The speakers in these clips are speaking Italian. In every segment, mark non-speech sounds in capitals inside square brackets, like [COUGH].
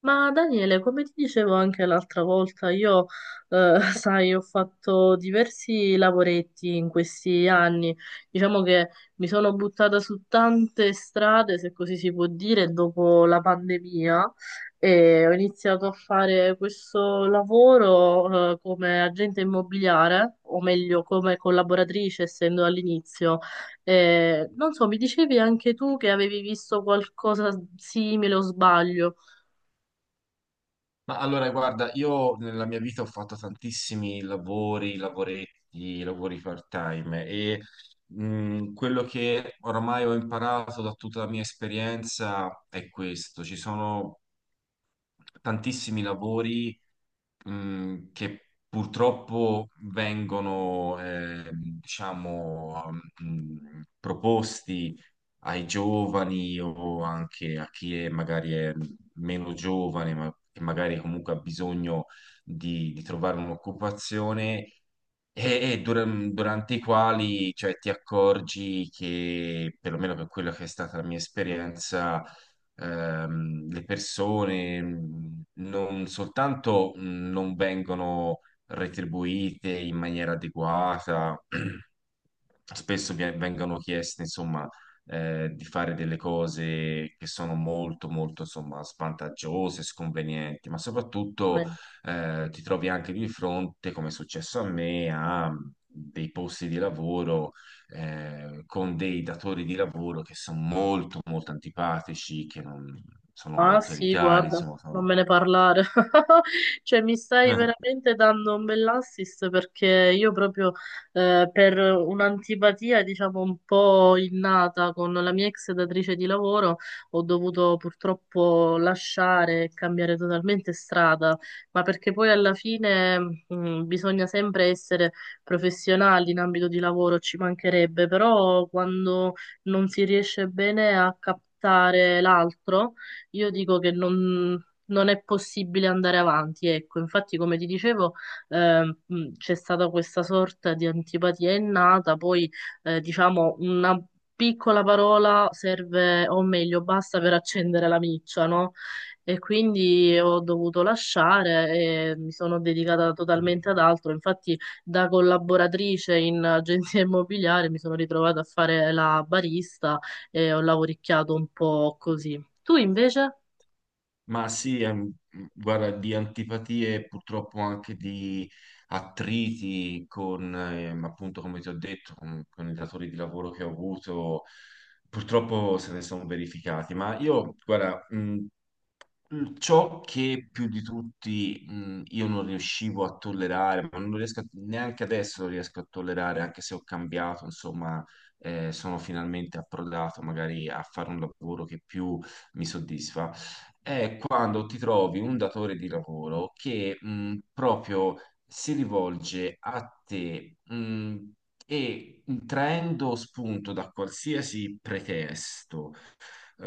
Ma Daniele, come ti dicevo anche l'altra volta, io, [LAUGHS] sai, ho fatto diversi lavoretti in questi anni. Diciamo che mi sono buttata su tante strade, se così si può dire, dopo la pandemia e ho iniziato a fare questo lavoro, come agente immobiliare, o meglio, come collaboratrice, essendo all'inizio. Non so, mi dicevi anche tu che avevi visto qualcosa simile o sbaglio? Ma allora, guarda, io nella mia vita ho fatto tantissimi lavori, lavoretti, lavori part-time e quello che oramai ho imparato da tutta la mia esperienza è questo. Ci sono tantissimi lavori che purtroppo vengono, diciamo, proposti ai giovani o anche a chi è magari è meno giovane, ma che magari comunque ha bisogno di trovare un'occupazione. E durante i quali, cioè, ti accorgi che, perlomeno per quella che è stata la mia esperienza, le persone non soltanto non vengono retribuite in maniera adeguata, [CLEARS THROAT] spesso vengono chieste, insomma, di fare delle cose che sono molto, molto, insomma, svantaggiose, sconvenienti, ma soprattutto ti trovi anche di fronte, come è successo a me, a dei posti di lavoro con dei datori di lavoro che sono molto, molto antipatici, che non, sono Ah sì, autoritari, guarda, insomma, non sono... me ne parlare. [LAUGHS] Cioè, mi stai [LAUGHS] veramente dando un bell'assist perché io proprio per un'antipatia, diciamo, un po' innata con la mia ex datrice di lavoro, ho dovuto purtroppo lasciare e cambiare totalmente strada, ma perché poi alla fine bisogna sempre essere professionali in ambito di lavoro, ci mancherebbe, però quando non si riesce bene a captare l'altro io dico che non è possibile andare avanti. Ecco, infatti, come ti dicevo, c'è stata questa sorta di antipatia innata, poi diciamo una piccola parola serve, o meglio, basta per accendere la miccia, no? E quindi ho dovuto lasciare e mi sono dedicata totalmente ad altro. Infatti, da collaboratrice in agenzia [LAUGHS] immobiliare mi sono ritrovata a fare la barista e ho lavoricchiato un po' così. Tu invece? Ma sì, guarda, di antipatie purtroppo anche di attriti con, appunto, come ti ho detto, con i datori di lavoro che ho avuto, purtroppo se ne sono verificati. Ma io, guarda, ciò che più di tutti io non riuscivo a tollerare, ma non riesco neanche adesso lo riesco a tollerare, anche se ho cambiato, insomma, sono finalmente approdato magari a fare un lavoro che più mi soddisfa, è quando ti trovi un datore di lavoro che proprio si rivolge a te e traendo spunto da qualsiasi pretesto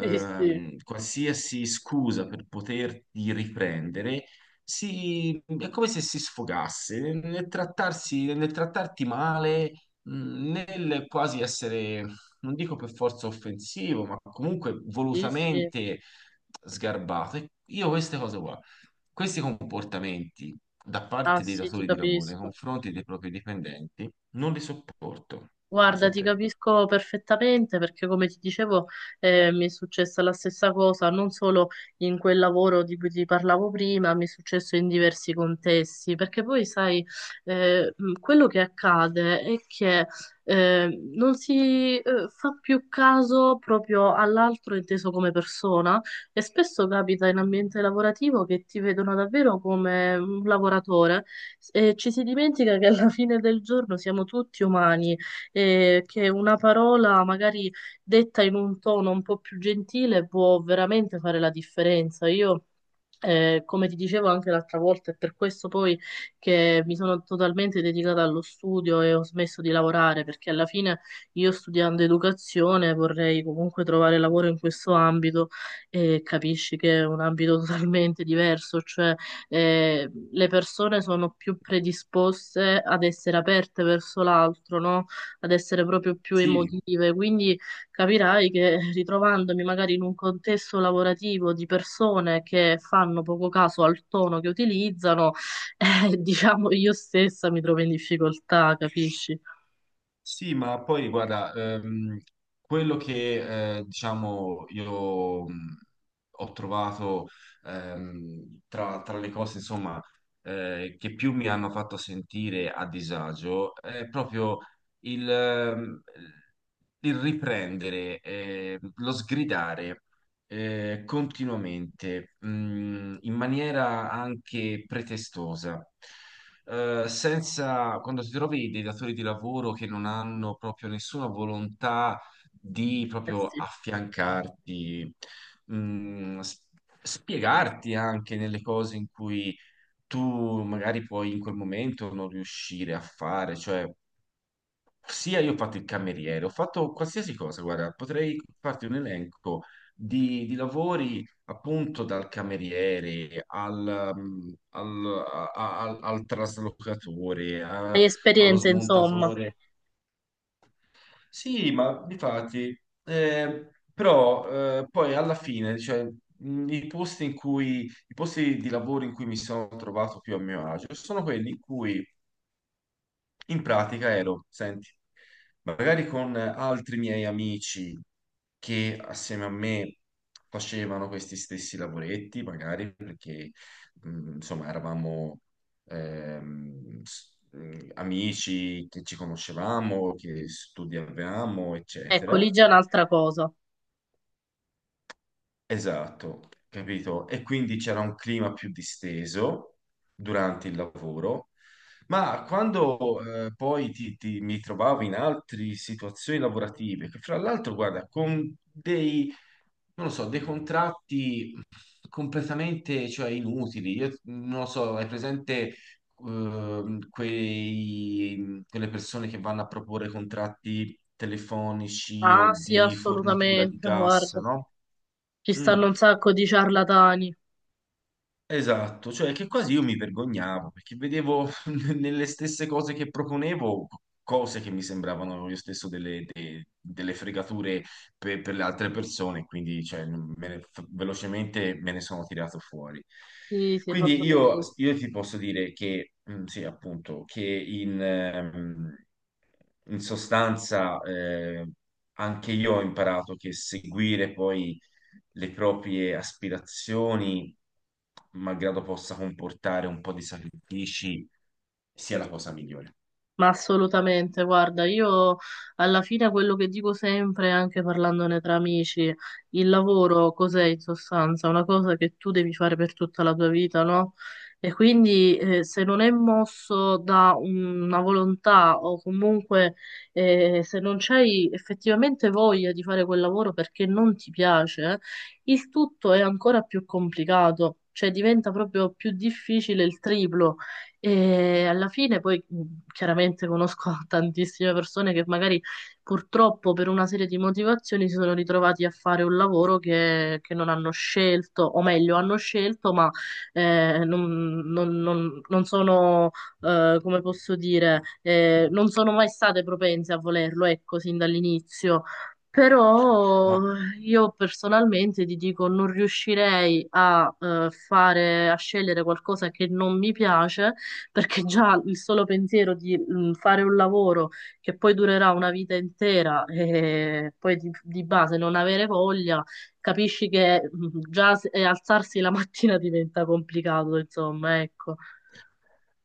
Sì, sì, qualsiasi scusa per poterti riprendere, è come se si sfogasse nel trattarsi, nel trattarti male, nel quasi essere, non dico per forza offensivo, ma comunque sì, sì. volutamente sgarbato. E io queste cose qua, questi comportamenti da Ah parte dei sì, ti datori di lavoro nei capisco. confronti dei propri dipendenti, non li sopporto. Non Guarda, so ti te. capisco perfettamente perché, come ti dicevo, mi è successa la stessa cosa, non solo in quel lavoro di cui ti parlavo prima, mi è successo in diversi contesti, perché poi, sai, quello che accade è che non si fa più caso proprio all'altro inteso come persona e spesso capita in ambiente lavorativo che ti vedono davvero come un lavoratore e ci si dimentica che alla fine del giorno siamo tutti umani e che una parola magari detta in un tono un po' più gentile può veramente fare la differenza. Io, come ti dicevo anche l'altra volta, è per questo poi che mi sono totalmente dedicata allo studio e ho smesso di lavorare, perché alla fine io studiando educazione vorrei comunque trovare lavoro in questo ambito e capisci che è un ambito [LAUGHS] totalmente diverso, cioè le persone sono più predisposte ad essere aperte verso l'altro, no? Ad essere proprio più Sì, emotive, quindi capirai che [LAUGHS] ritrovandomi magari in un contesto lavorativo di persone che fanno poco caso al tono che utilizzano, [LAUGHS] diciamo io stessa mi trovo in difficoltà, capisci? sì, ma poi guarda, quello che diciamo io ho trovato tra, tra le cose insomma che più mi hanno fatto sentire a disagio è proprio il, ehm, il riprendere, lo sgridare continuamente, in maniera anche pretestosa senza, quando ti trovi dei datori di lavoro che non hanno proprio nessuna volontà di Eh proprio sì. affiancarti, mh, s- spiegarti anche nelle cose in cui tu magari puoi in quel momento non riuscire a fare, cioè sia io ho fatto il cameriere, ho fatto qualsiasi cosa, guarda, potrei farti un elenco di lavori appunto dal cameriere al, al, al traslocatore, Hai allo esperienze, insomma. smontatore. Sì, ma difatti, però poi alla fine, cioè, i posti in cui, i posti di lavoro in cui mi sono trovato più a mio agio sono quelli in cui in pratica ero, senti, magari con altri miei amici che assieme a me facevano questi stessi lavoretti, magari perché insomma eravamo amici che ci conoscevamo, che studiavamo, Ecco, eccetera. lì già è un'altra cosa. Esatto, capito? E quindi c'era un clima più disteso durante il lavoro, ma quando poi mi trovavo in altre situazioni lavorative, che fra l'altro, guarda, con dei, non lo so, dei contratti completamente, cioè, inutili, io non lo so, hai presente quelle persone che vanno a proporre contratti telefonici Ah, o sì, di fornitura di assolutamente, gas, guarda. no? Ci stanno Mm. un sacco di ciarlatani. Esatto, cioè che quasi io mi vergognavo perché vedevo [LAUGHS] nelle stesse cose che proponevo cose che mi sembravano io stesso delle, delle fregature per le altre persone, quindi cioè, velocemente me ne sono tirato fuori. Sì, sì, hai fatto Quindi io, bene. io ti posso dire che, sì, appunto, che in, in sostanza, anche io ho imparato che seguire poi le proprie aspirazioni, malgrado possa comportare un po' di sacrifici, sia la cosa migliore. Ma assolutamente, guarda, io alla fine quello che dico sempre, anche parlandone tra amici, il lavoro cos'è in sostanza? Una cosa che tu devi fare per tutta la tua vita, no? E quindi se non è mosso da una volontà o comunque se non c'hai effettivamente voglia di fare quel lavoro perché non ti piace, il tutto è ancora più complicato, cioè diventa proprio più difficile il triplo. E alla fine poi, chiaramente conosco [LAUGHS] tantissime persone che magari purtroppo per una serie di motivazioni si sono ritrovati a fare un lavoro che non hanno scelto, o meglio, hanno scelto, ma non, non- non- non sono, come posso dire, non sono mai state propense a volerlo, ecco, sin dall'inizio. Però Ma io personalmente ti dico, non riuscirei a scegliere qualcosa che non mi piace perché già il solo pensiero di fare un lavoro che poi durerà una vita intera e poi di base non avere voglia, capisci che alzarsi la [LAUGHS] mattina diventa complicato, insomma, ecco.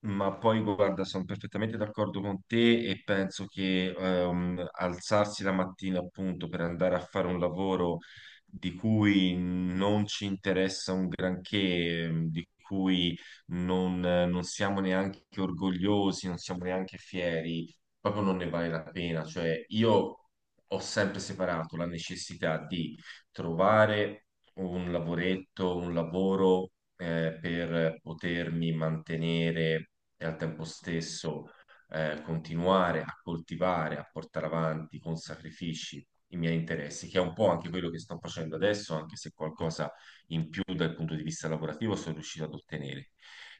Ma poi guarda, sono perfettamente d'accordo con te e penso che alzarsi la mattina appunto per andare a fare un lavoro di cui non ci interessa un granché, di cui non, non siamo neanche orgogliosi, non siamo neanche fieri, proprio non ne vale la pena. Cioè, io ho sempre separato la necessità di trovare un lavoretto, un lavoro per potermi mantenere e al tempo stesso continuare a coltivare, a portare avanti con sacrifici i miei interessi, che è un po' anche quello che sto facendo adesso, anche se qualcosa in più dal punto di vista lavorativo sono riuscito ad ottenere.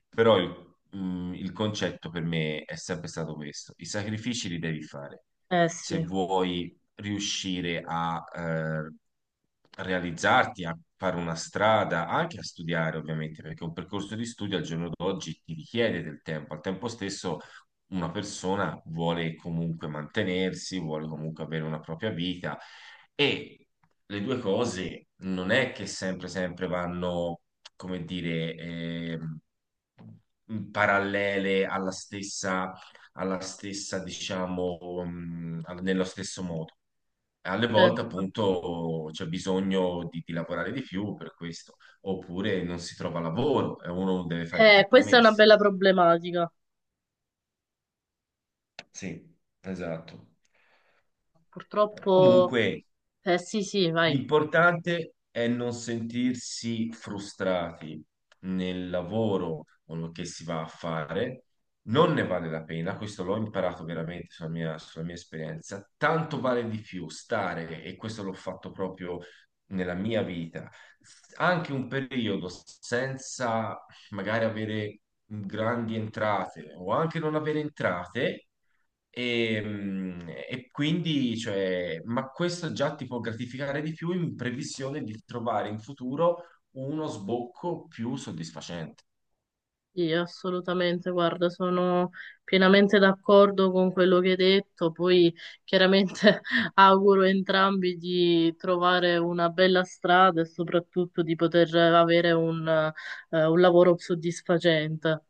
Però il concetto per me è sempre stato questo, i sacrifici li devi fare Eh se sì, vuoi riuscire a realizzarti, a fare una strada, anche a studiare, ovviamente, perché un percorso di studio al giorno d'oggi ti richiede del tempo. Al tempo stesso, una persona vuole comunque mantenersi, vuole comunque avere una propria vita e le due cose non è che sempre, sempre vanno, come dire, parallele alla stessa diciamo, nello stesso modo. Alle volte, certo. appunto, c'è bisogno di lavorare di più per questo, oppure non si trova lavoro e uno deve fare dei Questa è una compromessi. bella problematica. Sì, esatto. Purtroppo, Comunque, eh sì, sì, vai. l'importante è non sentirsi frustrati nel lavoro o che si va a fare, non ne vale la pena, questo l'ho imparato veramente sulla mia esperienza, tanto vale di più stare, e questo l'ho fatto proprio nella mia vita, anche un periodo senza magari avere grandi entrate o anche non avere entrate e quindi, cioè, ma questo già ti può gratificare di più in previsione di trovare in futuro uno sbocco più soddisfacente. Sì, assolutamente, guarda, sono pienamente d'accordo con quello che hai detto, poi chiaramente [LAUGHS] auguro a entrambi di trovare una bella strada e soprattutto di poter avere un lavoro soddisfacente.